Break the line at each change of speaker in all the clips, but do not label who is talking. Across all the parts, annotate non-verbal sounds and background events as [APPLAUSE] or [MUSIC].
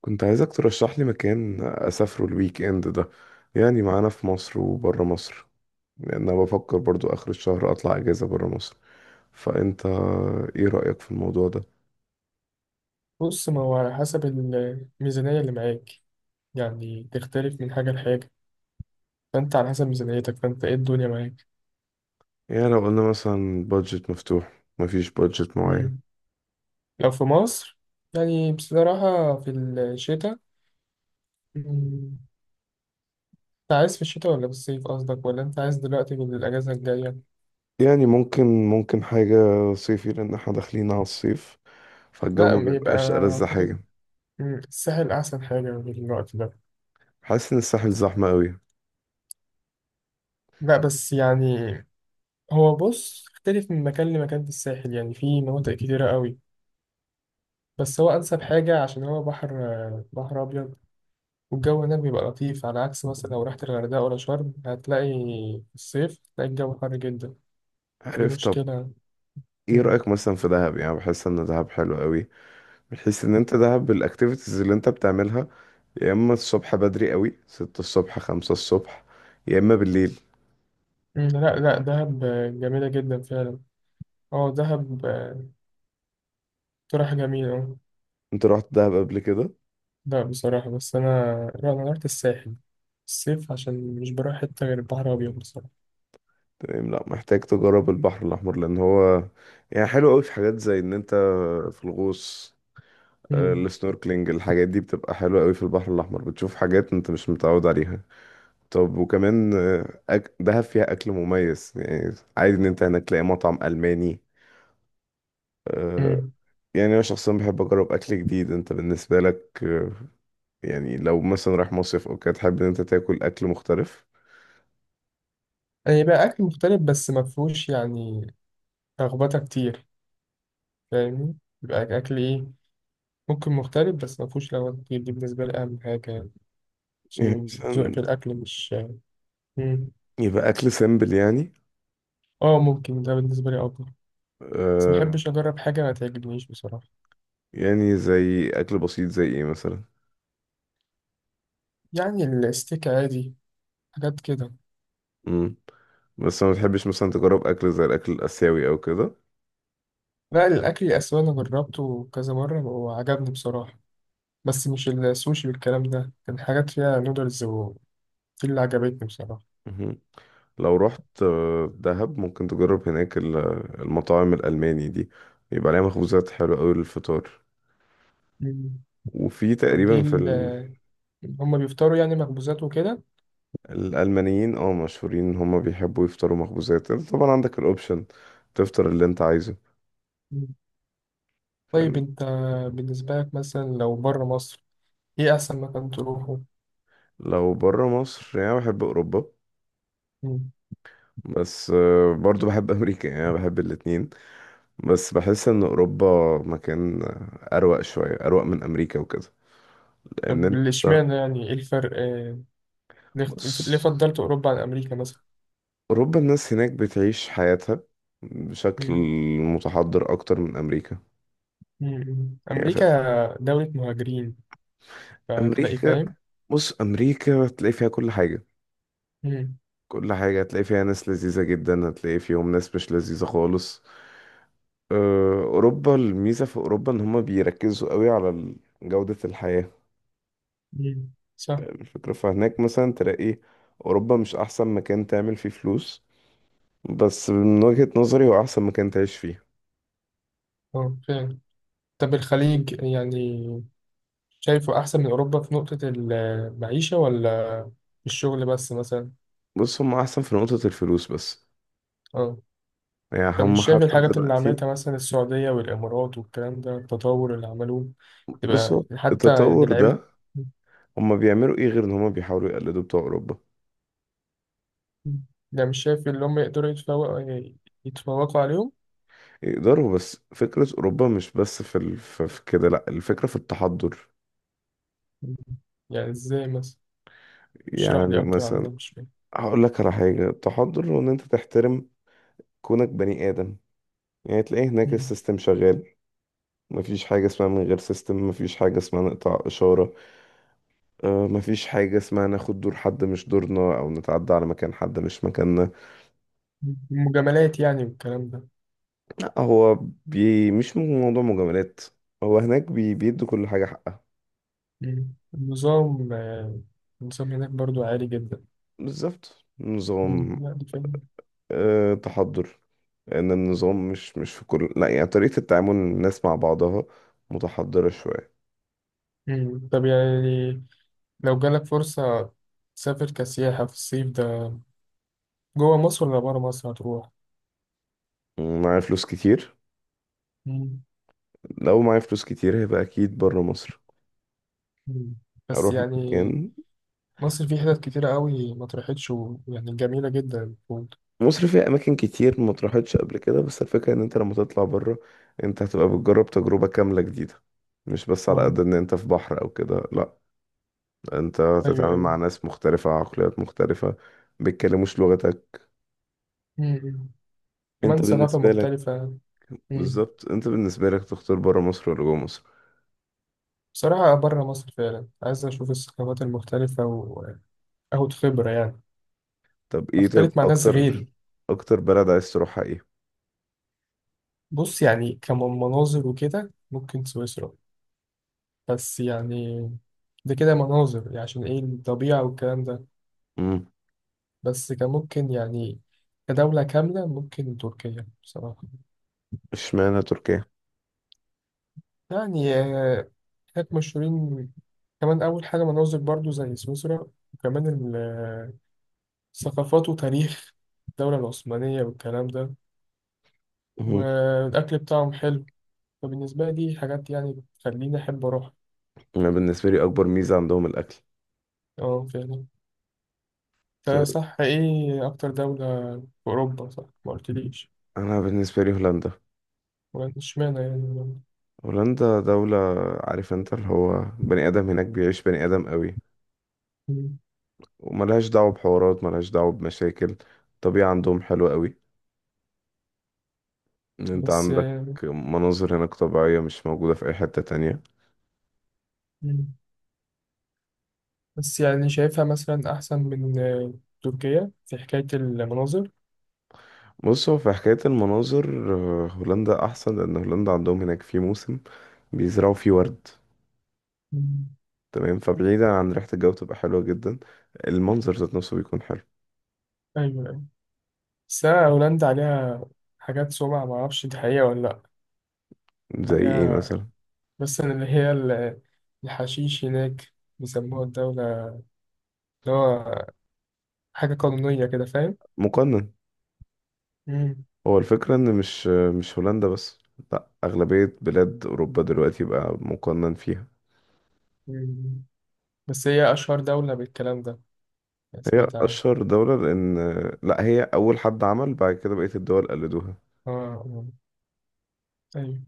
كنت عايزك ترشح لي مكان أسافره الويك إند ده، يعني معانا في مصر وبره مصر، لأن أنا بفكر برضو آخر الشهر أطلع أجازة بره مصر. فأنت إيه رأيك في الموضوع ده؟
بص، ما هو على حسب الميزانية اللي معاك، يعني تختلف من حاجة لحاجة. فأنت على حسب ميزانيتك، فأنت إيه الدنيا معاك؟
يعني لو قلنا مثلا بادجت مفتوح، مفيش بادجت معين.
مم. لو في مصر، يعني بصراحة في الشتاء. مم، أنت عايز في الشتاء ولا في الصيف قصدك، ولا أنت عايز دلوقتي في الأجازة الجاية؟
يعني ممكن، حاجة صيفي، لأن احنا داخلين على الصيف، فالجو
لا،
ما
ما يبقى
بيبقاش ألذ
أعتقد.
حاجة.
الساحل أحسن حاجة في الوقت ده.
حاسس إن الساحل زحمة أوي.
لا، بس يعني هو بص اختلف من مكان لمكان في الساحل، يعني في مناطق كتيرة قوي. بس هو أنسب حاجة عشان هو بحر، بحر أبيض. والجو هناك بيبقى لطيف على عكس مثلا لو رحت الغردقة ولا شرم، هتلاقي في الصيف، هتلاقي الجو حر جدا. دي
عارف، طب
مشكلة.
ايه
مم.
رأيك مثلا في دهب؟ يعني بحس ان دهب حلو قوي. بحس ان انت دهب بالاكتيفيتيز اللي انت بتعملها، يا اما الصبح بدري قوي، ستة الصبح، خمسة الصبح، يا اما بالليل.
مم. لا، لا، دهب جميلة جدا فعلا. اه، دهب. اقتراح جميل، اه.
انت رحت دهب قبل كده؟
لا بصراحة، بس أنا، لا، أنا رحت الساحل الصيف عشان مش بروح حتة غير البحر الأبيض بصراحة.
تمام، لا محتاج تجرب البحر الاحمر، لان هو يعني حلو قوي في حاجات زي ان انت في الغوص.
مم.
السنوركلينج، الحاجات دي بتبقى حلوة قوي في البحر الاحمر، بتشوف حاجات انت مش متعود عليها. طب وكمان دهب فيها اكل مميز، يعني عادي ان انت هناك تلاقي مطعم الماني. آه،
مم.
يعني انا شخصيا بحب اجرب اكل جديد. انت بالنسبة لك يعني لو مثلا رايح مصيف او كده، تحب ان انت تاكل اكل مختلف؟
يعني بقى أكل مختلف بس مفهوش، يعني، لخبطة كتير. فاهمني؟ يبقى أكل إيه؟ ممكن مختلف بس مفهوش لخبطة كتير، دي بالنسبة لي أهم حاجة،
يعني
عشان ذوقي
مثلا
في الأكل مش... مم.
يبقى اكل سيمبل يعني.
اه، ممكن ده بالنسبة لي أفضل. بس
آه.
مبحبش أجرب حاجة ما تعجبنيش بصراحة.
يعني زي اكل بسيط زي ايه مثلا؟
يعني الستيك عادي، حاجات كده.
امم. بس ما تحبش مثلا تجرب اكل زي الاكل الاسيوي او كده؟
لا، الأكل الآسيوي أنا جربته كذا مرة وعجبني بصراحة، بس مش السوشي والكلام ده، كان حاجات فيها نودلز، ودي اللي عجبتني بصراحة.
مهم. لو رحت دهب ممكن تجرب هناك المطاعم الالماني دي، يبقى عليها مخبوزات حلوه قوي للفطار.
مم.
وفي
طب
تقريبا في ال...
هما بيفطروا يعني مخبوزات وكده؟
الالمانيين مشهورين ان هم بيحبوا يفطروا مخبوزات. انت طبعا عندك الاوبشن تفطر اللي انت عايزه.
مم. طيب، أنت بالنسبة لك مثلا لو بره مصر، إيه أحسن مكان تروحه؟
لو بره مصر يعني أنا بحب اوروبا،
مم.
بس برضو بحب امريكا، يعني أنا بحب الاتنين. بس بحس ان اوروبا مكان اروق شوية، اروق من امريكا وكده. لان
طب،
انت
اشمعنى؟ يعني إيه الفرق، ليه ليه
بص،
فضلت أوروبا عن أمريكا مثلا؟
اوروبا الناس هناك بتعيش حياتها بشكل
مم.
متحضر اكتر من امريكا.
مم.
يعني
أمريكا
فاهم.
دولة مهاجرين، فتلاقي،
امريكا
فاهم؟
بص، امريكا هتلاقي فيها كل حاجة.
مم.
كل حاجة هتلاقي فيها ناس لذيذة جدا، هتلاقي فيهم ناس مش لذيذة خالص. أوروبا، الميزة في أوروبا إن هما بيركزوا قوي على جودة الحياة.
مم. صح.
الفكرة، فهناك مثلا تلاقي أوروبا مش أحسن مكان تعمل فيه فلوس، بس من وجهة نظري هو أحسن مكان تعيش فيه.
اه، فعلا. طب الخليج، يعني شايفه أحسن من أوروبا في نقطة المعيشة، ولا في الشغل بس مثلا؟
بص هما أحسن في نقطة الفلوس بس.
اه.
يعني
طب،
هما
مش شايف
حتى
الحاجات اللي
دلوقتي.
عملتها مثلا السعودية والإمارات والكلام ده، التطور اللي عملوه؟
بص،
تبقى
هو
حتى يعني
التطور
لعيبة.
ده هما بيعملوا إيه غير إن هما بيحاولوا يقلدوا بتوع أوروبا.
ده، مش شايف اللي هم يقدروا يتفوقوا عليهم؟
يقدروا، بس فكرة أوروبا مش بس في كده، لأ، الفكرة في التحضر.
يعني ازاي مثلا؟ اشرح
يعني
لي أكتر عن ده،
مثلا،
مش فاهم.
هقول لك على حاجة. التحضر هو إن أنت تحترم كونك بني آدم. يعني تلاقيه هناك
مم.
السيستم شغال، مفيش حاجة اسمها من غير سيستم، مفيش حاجة اسمها نقطع إشارة. مفيش حاجة اسمها ناخد دور حد مش دورنا، أو نتعدى على مكان حد مش مكاننا.
المجاملات يعني والكلام ده؟
لا، هو مش موضوع مجاملات، هو هناك بيدوا كل حاجة حقها.
مم. النظام هناك برضو عالي جدا.
بالظبط،
مم.
نظام.
يعني فاهم.
أه، تحضر، لأن النظام مش في كل، لا، يعني طريقة التعامل الناس مع بعضها متحضرة شوية.
مم. طب، يعني لو جالك فرصة تسافر كسياحة في الصيف ده، جوه مصر ولا بره مصر هتروح؟
معايا فلوس كتير.
مم.
لو معايا فلوس كتير هيبقى أكيد برا مصر،
مم. بس
اروح
يعني
مكان.
مصر فيه حتت كتيرة قوي ما اتروحتش، ويعني جميلة جدا المفروض.
مصر فيها اماكن كتير ما اتراحتش قبل كده، بس الفكره ان انت لما تطلع بره، انت هتبقى بتجرب تجربه كامله جديده، مش بس على
اه.
قد ان انت في بحر او كده، لا، انت
أيوه،
هتتعامل مع
أيوه.
ناس مختلفه، عقليات مختلفه، بيتكلموش لغتك.
مم.
انت
كمان ثقافة
بالنسبه لك
مختلفة. مم.
بالظبط، انت بالنسبه لك تختار بره مصر ولا جوه مصر؟
بصراحة بره مصر، فعلا عايز أشوف الثقافات المختلفة وآخد خبرة، يعني
طب،
أختلط مع ناس
اكتر،
غيري.
اكتر بلد عايز تروحها ايه؟
بص، يعني كمناظر وكده ممكن سويسرا، بس يعني ده كده مناظر يعني عشان إيه، الطبيعة والكلام ده.
امم.
بس كممكن يعني، كدولة كاملة ممكن تركيا بصراحة.
اشمعنى تركيا؟
يعني هناك مشهورين. كمان أول حاجة مناظر برضو زي سويسرا، وكمان الثقافات وتاريخ الدولة العثمانية والكلام ده.
مم.
والأكل بتاعهم حلو. فبالنسبة لي دي حاجات يعني بتخليني أحب أروح.
انا بالنسبه لي اكبر ميزه عندهم الاكل.
اه، فعلا. ده
طيب،
صح، إيه أكتر دولة في أوروبا؟ صح، ما قلتليش.
انا بالنسبه لي هولندا.
ولا اشمعنى يعني؟
هولندا دولة، عارف انت اللي هو بني آدم، هناك بيعيش بني آدم قوي،
مم.
وملهاش دعوة بحوارات، ملهاش دعوة بمشاكل. الطبيعة عندهم حلوة قوي، ان انت
بس.
عندك مناظر هناك طبيعية مش موجودة في أي حتة تانية.
مم. بس يعني شايفها مثلا أحسن من تركيا في حكاية المناظر؟
بص، هو في حكاية المناظر هولندا أحسن، لأن هولندا عندهم هناك في موسم بيزرعوا فيه ورد.
مم.
تمام، فبعيدا عن ريحة الجو بتبقى حلوة جدا، المنظر ذات نفسه بيكون حلو.
أيوة، أيوة. بس أنا هولندا عليها حاجات سمعة، معرفش دي حقيقة ولا لأ.
زي ايه
عليها،
مثلا؟
بس اللي هي الحشيش هناك، بيسموها الدولة اللي هو حاجة قانونية كده، فاهم؟
مقنن.
مم.
هو الفكرة ان مش هولندا بس، لا، اغلبية بلاد اوروبا دلوقتي بقى مقنن فيها.
مم. بس هي أشهر دولة بالكلام ده، يعني
هي
سمعت عنها.
اشهر دولة لان، لا، هي اول حد عمل، بعد كده بقية الدول قلدوها،
آه، آه. أيوة.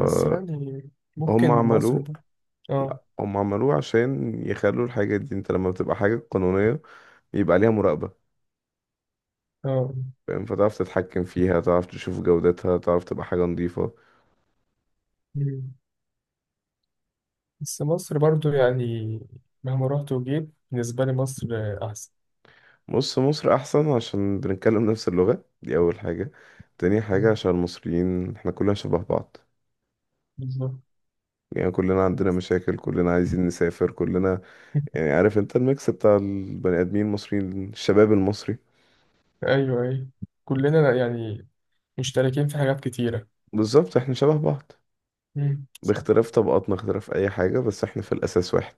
بس يعني ممكن مصر
عملوه.
ب... آه،
لا، هم عملوه عشان يخلوا الحاجة دي، انت لما بتبقى حاجة قانونية يبقى عليها مراقبة.
آه.
فاهم، فتعرف تتحكم فيها، تعرف تشوف جودتها، تعرف تبقى حاجة نظيفة.
مم. بس مصر برضو يعني، مهما رحت وجيت بالنسبة لي مصر أحسن.
بص مصر احسن عشان بنتكلم نفس اللغة، دي اول حاجة. تاني حاجة
مم.
عشان المصريين احنا كلنا شبه بعض،
بالظبط.
يعني كلنا عندنا مشاكل، كلنا عايزين نسافر كلنا.
[LAUGHS]
يعني عارف انت الميكس بتاع البني ادمين المصريين، الشباب المصري.
أيوة، أيوة. كلنا يعني مشتركين في حاجات كتيرة.
بالظبط، احنا شبه بعض،
مم.
باختلاف طبقاتنا، اختلاف اي حاجة، بس احنا في الاساس واحد.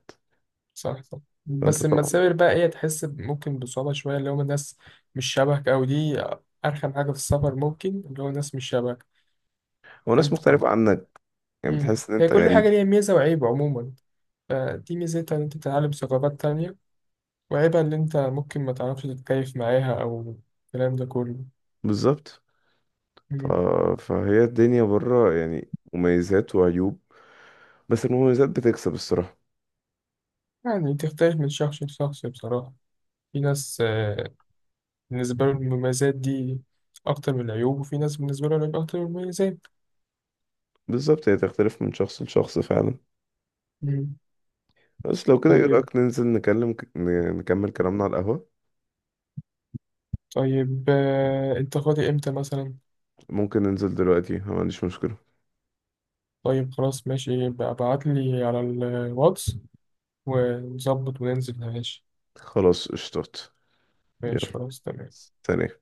صح، صح.
فانت
بس لما
طبعا.
تسافر بقى، ايه، تحس ممكن بصعوبة شوية، اللي هم الناس مش شبهك، أو دي أرخم حاجة في السفر، ممكن اللي هو الناس مش شبهك.
هو ناس
فأنت
مختلفة
بتبقى-
عنك، يعني
مم.
بتحس ان
هي
انت
كل
غريب.
حاجة ليها ميزة وعيب عموما، فدي ميزتها إن أنت تتعلم ثقافات تانية، وعيبها إن أنت ممكن ما تعرفش تتكيف معاها، أو الكلام ده كله.
بالظبط. ف...
مم.
فهي الدنيا بره يعني مميزات وعيوب، بس المميزات بتكسب الصراحة.
يعني تختلف من شخص لشخص بصراحة. في ناس بالنسبة لهم المميزات دي أكتر من العيوب، وفي ناس بالنسبة لهم العيوب أكتر من المميزات.
بالظبط، هي تختلف من شخص لشخص فعلا.
مم.
بس لو كده، ايه
طيب.
رأيك ننزل نكمل كلامنا على القهوة؟
طيب، انت فاضي امتى مثلا؟
ممكن ننزل دلوقتي، أنا ما عنديش مشكلة.
طيب، خلاص، ماشي، يبقى ابعت لي على الواتس ونظبط وننزل، ماشي.
خلاص اشطت. يلا.
ماشي، خلاص، تمام.
ثانية.